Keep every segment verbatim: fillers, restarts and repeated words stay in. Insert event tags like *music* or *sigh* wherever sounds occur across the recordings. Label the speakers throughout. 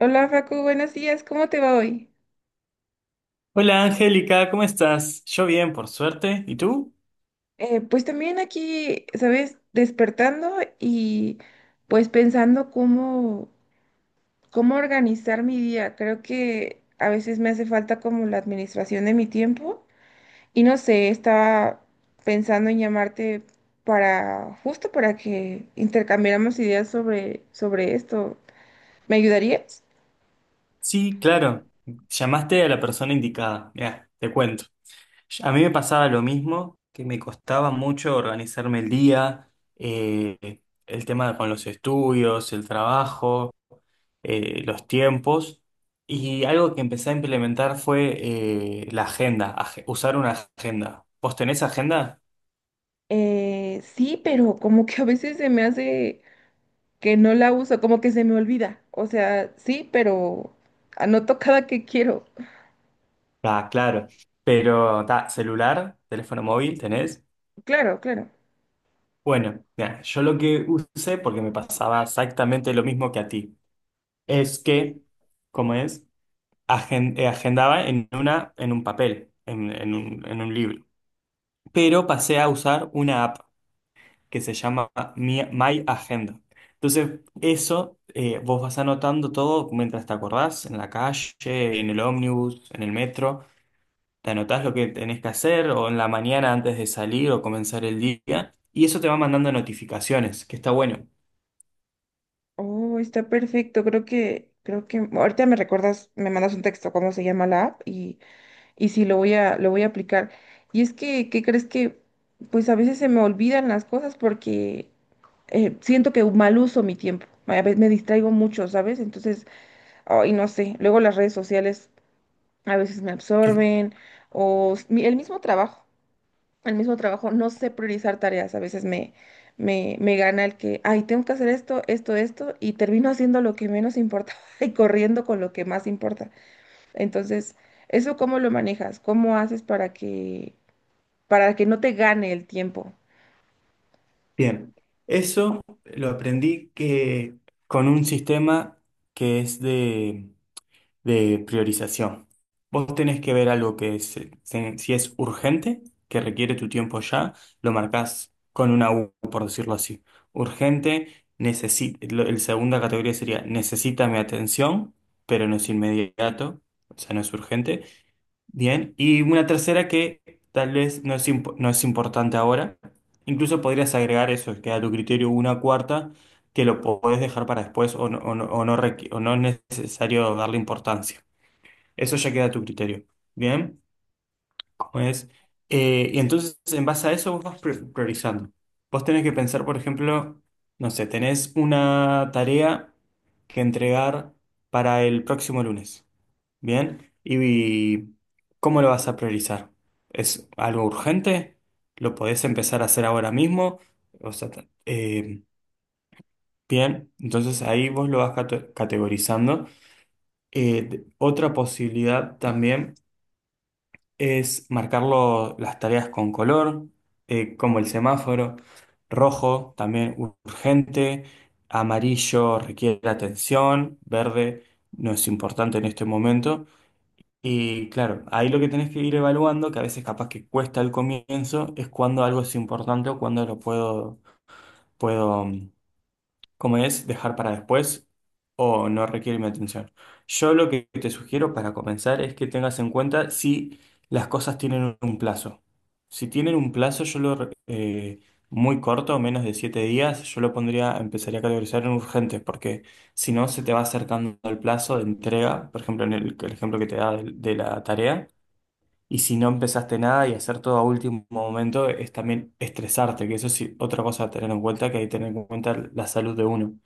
Speaker 1: Hola Facu, buenos días, ¿cómo te va hoy?
Speaker 2: Hola Angélica, ¿cómo estás? Yo bien, por suerte. ¿Y tú?
Speaker 1: Eh, pues también aquí, ¿sabes? Despertando y pues pensando cómo, cómo organizar mi día. Creo que a veces me hace falta como la administración de mi tiempo y no sé, estaba pensando en llamarte para, justo para que intercambiáramos ideas sobre, sobre esto. ¿Me ayudarías?
Speaker 2: Sí, claro. Llamaste a la persona indicada. Mira, te cuento. A mí me pasaba lo mismo, que me costaba mucho organizarme el día, eh, el tema con los estudios, el trabajo, eh, los tiempos. Y algo que empecé a implementar fue eh, la agenda, ag- usar una agenda. ¿Vos tenés agenda?
Speaker 1: Eh, sí, pero como que a veces se me hace que no la uso, como que se me olvida. O sea, sí, pero anoto cada que quiero.
Speaker 2: Ah, claro. Pero, ta, celular, teléfono móvil, ¿tenés?
Speaker 1: Claro, claro.
Speaker 2: Bueno, mira, yo lo que usé, porque me pasaba exactamente lo mismo que a ti, es que, ¿cómo es? Agen- eh, agendaba en una, en un papel, en, en un, en un libro. Pero pasé a usar una app que se llama Mi- My Agenda. Entonces, eso, eh, vos vas anotando todo mientras te acordás, en la calle, en el ómnibus, en el metro, te anotás lo que tenés que hacer, o en la mañana antes de salir o comenzar el día, y eso te va mandando notificaciones, que está bueno.
Speaker 1: Oh, está perfecto. Creo que, creo que ahorita me recuerdas, me mandas un texto cómo se llama la app y, y sí lo voy a, lo voy a aplicar. Y es que, ¿qué crees que? Pues a veces se me olvidan las cosas porque eh, siento que mal uso mi tiempo. A veces me distraigo mucho, ¿sabes? Entonces, ay, no sé. Luego las redes sociales a veces me absorben o s- mi- el mismo trabajo. El mismo trabajo, no sé priorizar tareas. A veces me, me, me gana el que, ay, tengo que hacer esto, esto, esto, y termino haciendo lo que menos importa *laughs* y corriendo con lo que más importa. Entonces, ¿eso cómo lo manejas? ¿Cómo haces para que, para que no te gane el tiempo?
Speaker 2: Bien, eso lo aprendí que con un sistema que es de, de priorización. Vos tenés que ver algo que es, eh, se- si es urgente, que requiere tu tiempo ya, lo marcás con una U, por decirlo así. Urgente, necesita, la segunda categoría sería necesita mi atención, pero no es inmediato, o sea, no es urgente. Bien, y una tercera que tal vez no es, imp- no es importante ahora. Incluso podrías agregar eso, que a tu criterio una cuarta que lo podés dejar para después o no, o no, o no requi- o no es necesario darle importancia. Eso ya queda a tu criterio. Bien, ¿cómo es? Eh, y entonces en base a eso vos vas pri- priorizando. Vos tenés que pensar, por ejemplo, no sé, tenés una tarea que entregar para el próximo lunes. Bien, ¿y cómo lo vas a priorizar? ¿Es algo urgente? ¿Lo podés empezar a hacer ahora mismo? O sea, ta- eh, bien, entonces ahí vos lo vas cate- categorizando. Eh, de- otra posibilidad también es marcarlo las tareas con color, eh, como el semáforo, rojo, también urgente, amarillo requiere atención, verde no es importante en este momento. Y claro, ahí lo que tenés que ir evaluando, que a veces capaz que cuesta al comienzo, es cuando algo es importante o cuando lo puedo, puedo, mm, como es, dejar para después o no requiere mi atención. Yo lo que te sugiero para comenzar es que tengas en cuenta si las cosas tienen un plazo. Si tienen un plazo, yo lo, re- eh, muy corto, menos de siete días, yo lo pondría, empezaría a categorizar en urgentes, porque si no se te va acercando el plazo de entrega, por ejemplo, en el, el ejemplo que te da de de la tarea. Y si no empezaste nada y hacer todo a último momento es también estresarte, que eso es otra cosa a tener en cuenta, que hay que tener en cuenta la salud de uno.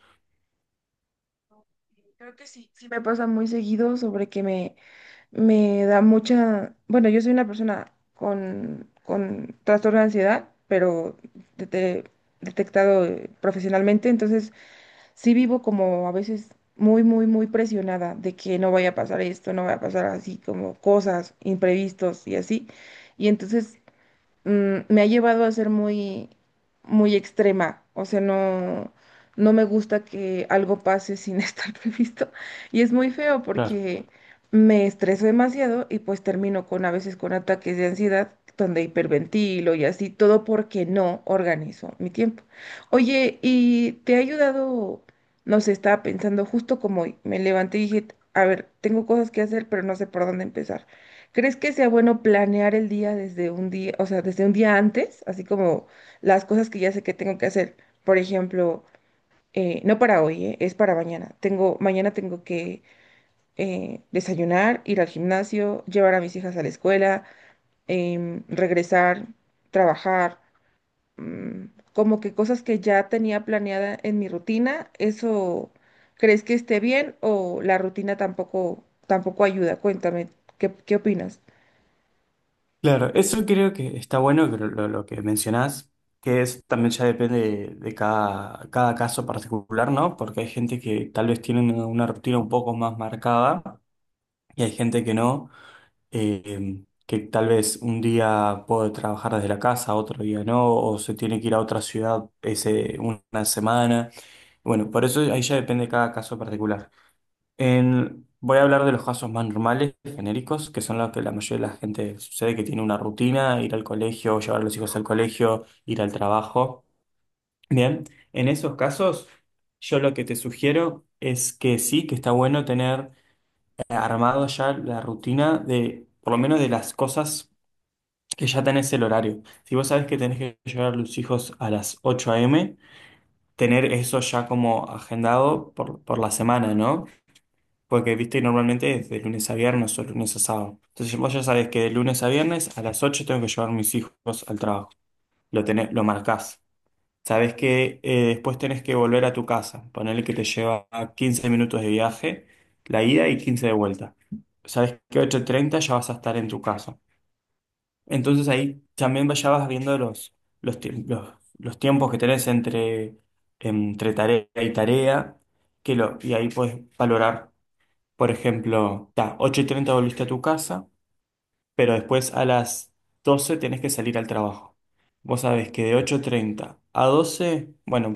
Speaker 1: Creo que sí, sí me pasa muy seguido sobre que me, me da mucha, bueno, yo soy una persona con, con trastorno de ansiedad, pero dete- detectado eh, profesionalmente, entonces sí vivo como a veces muy, muy, muy presionada de que no vaya a pasar esto, no vaya a pasar así, como cosas, imprevistos y así. Y entonces mm, me ha llevado a ser muy, muy extrema. O sea, no, no me gusta que algo pase sin *laughs* estar previsto. Y es muy feo
Speaker 2: Claro.
Speaker 1: porque me estreso demasiado y pues termino con a veces con ataques de ansiedad donde hiperventilo y así, todo porque no organizo mi tiempo. Oye, ¿y te ha ayudado? No sé, estaba pensando justo como hoy. Me levanté y dije, a ver, tengo cosas que hacer, pero no sé por dónde empezar. ¿Crees que sea bueno planear el día desde un día, o sea, desde un día antes, así como las cosas que ya sé que tengo que hacer? Por ejemplo, eh, no para hoy, eh, es para mañana. Tengo, mañana tengo que eh, desayunar, ir al gimnasio, llevar a mis hijas a la escuela, em, regresar, trabajar, mm, como que cosas que ya tenía planeada en mi rutina, ¿eso crees que esté bien o la rutina tampoco, tampoco ayuda? Cuéntame, ¿qué, qué opinas?
Speaker 2: Claro, eso creo que está bueno que lo, lo- lo que mencionás, que es también ya depende de, de cada, cada caso particular, ¿no? Porque hay gente que tal vez tiene una, una rutina un poco más marcada y hay gente que no, eh, que tal vez un día puede trabajar desde la casa, otro día no, o se tiene que ir a otra ciudad ese, una semana. Bueno, por eso ahí ya depende de cada caso particular. En- voy a hablar de los casos más normales, genéricos, que son los que la mayoría de la gente sucede que tiene una rutina, ir al colegio, llevar a los hijos al colegio, ir al trabajo. Bien, en esos casos, yo lo que te sugiero es que sí, que está bueno tener eh, armado ya la rutina de, por lo menos de las cosas que ya tenés el horario. Si vos sabés que tenés que llevar a los hijos a las ocho a m, tener eso ya como agendado por, por la semana, ¿no? Porque, viste, normalmente es de lunes a viernes o lunes a sábado. Entonces vos ya sabés que de lunes a viernes a las ocho tengo que llevar a mis hijos al trabajo. Lo tenés, lo marcás. Sabés que eh, después tenés que volver a tu casa. Ponele que te lleva quince minutos de viaje, la ida y quince de vuelta. Sabés que ocho treinta ya vas a estar en tu casa. Entonces ahí también ya vas viendo los, los, tiemp- los, los tiempos que tenés entre, entre tarea y tarea. Que lo, y ahí puedes valorar. Por ejemplo, ta, ocho y treinta volviste a tu casa, pero después a las doce tenés que salir al trabajo. Vos sabés que de ocho y treinta a doce bueno,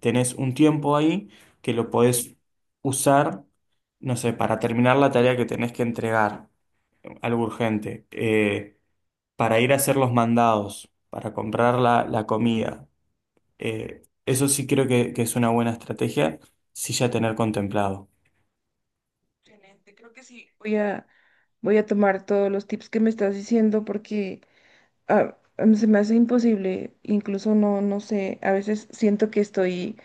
Speaker 2: tenés un tiempo ahí que lo podés usar, no sé, para terminar la tarea que tenés que entregar, algo urgente, eh, para ir a hacer los mandados, para comprar la, la comida. Eh, eso sí creo que, que es una buena estrategia, sí ya tener contemplado.
Speaker 1: Excelente, creo que sí. Voy a, voy a tomar todos los tips que me estás diciendo porque ah, em, se me hace imposible, incluso no, no sé, a veces siento que estoy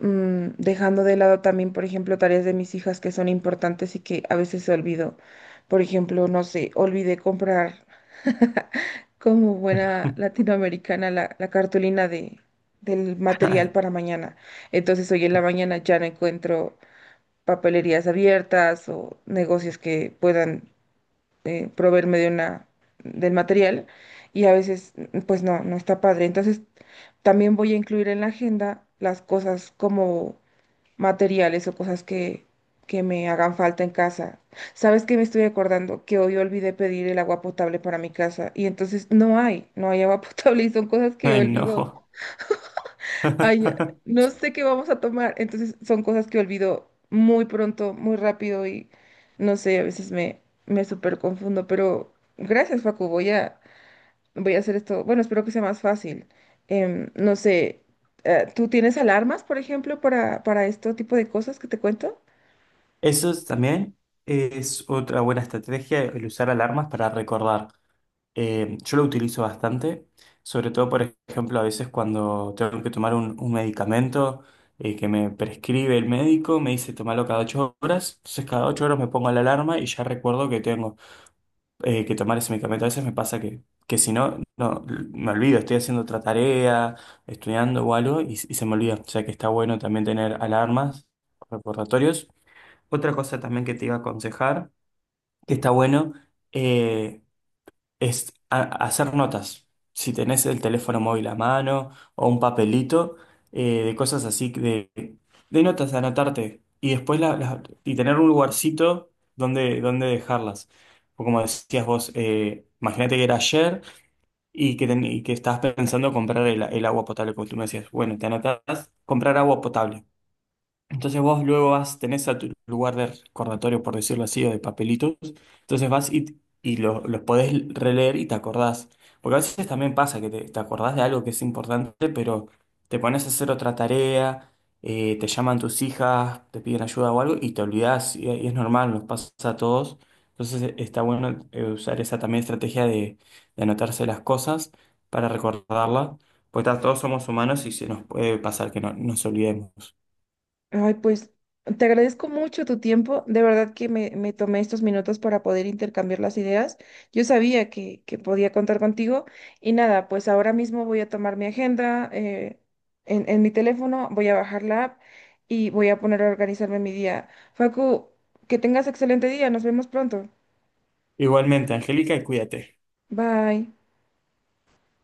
Speaker 1: mm, dejando de lado también, por ejemplo, tareas de mis hijas que son importantes y que a veces olvido. Por ejemplo, no sé, olvidé comprar como buena latinoamericana la, la cartulina de, del material para
Speaker 2: *laughs*
Speaker 1: mañana. Entonces hoy en la mañana ya no encuentro papelerías abiertas o negocios que puedan eh, proveerme de una, del material y a veces pues no, no está padre. Entonces también voy a incluir en la agenda las cosas como materiales o cosas que, que me hagan falta en casa. ¿Sabes qué me estoy acordando? Que hoy olvidé pedir el agua potable para mi casa y entonces no hay, no hay agua *laughs* potable y son cosas que
Speaker 2: Ay,
Speaker 1: olvido.
Speaker 2: no.
Speaker 1: Ay,
Speaker 2: *laughs*
Speaker 1: no sé qué vamos a tomar. Entonces son cosas que olvido muy pronto, muy rápido y no sé, a veces me, me súper confundo. Pero gracias, Facu. Voy a, voy a hacer esto. Bueno, espero que sea más fácil. Em, no sé, eh, ¿tú tienes alarmas, por ejemplo, para, para este tipo de cosas que te cuento?
Speaker 2: Eso es también es otra buena estrategia, el usar alarmas para recordar. Eh, yo lo utilizo bastante, sobre todo, por ejemplo, a veces cuando tengo que tomar un, un medicamento eh, que me prescribe el médico, me dice tomarlo cada ocho horas, entonces cada ocho horas me pongo la alarma y ya recuerdo que tengo eh, que tomar ese medicamento. A veces me pasa que, que si no, no, me olvido, estoy haciendo otra tarea, estudiando o algo y, y se me olvida. O sea que está bueno también tener alarmas, recordatorios. Otra cosa también que te iba a aconsejar, que está bueno, eh, es a- hacer notas. Si tenés el teléfono móvil a mano o un papelito, eh, de cosas así, de, de notas, anotarte. Y después la- la- y tener un lugarcito donde, donde dejarlas. O como decías vos, eh, imagínate que era ayer y que, ten- y que estabas pensando comprar el, el agua potable, como tú me decías. Bueno, te anotás, comprar agua potable. Entonces vos luego vas, tenés a tu lugar de recordatorio, por decirlo así, o de papelitos. Entonces vas y, y lo- los podés releer y te acordás. Porque a veces también pasa que te, te acordás de algo que es importante, pero te pones a hacer otra tarea, eh, te llaman tus hijas, te piden ayuda o algo y te olvidás. Y, y es normal, nos pasa a todos. Entonces eh, está bueno eh, usar esa también estrategia de, de anotarse las cosas para recordarlas. Porque ta, todos somos humanos y se nos puede pasar que no, nos olvidemos.
Speaker 1: Ay, pues te agradezco mucho tu tiempo. De verdad que me, me tomé estos minutos para poder intercambiar las ideas. Yo sabía que, que podía contar contigo. Y nada, pues ahora mismo voy a tomar mi agenda eh, en, en mi teléfono, voy a bajar la app y voy a poner a organizarme mi día. Facu, que tengas excelente día. Nos vemos pronto.
Speaker 2: Igualmente, Angélica, y cuídate.
Speaker 1: Bye.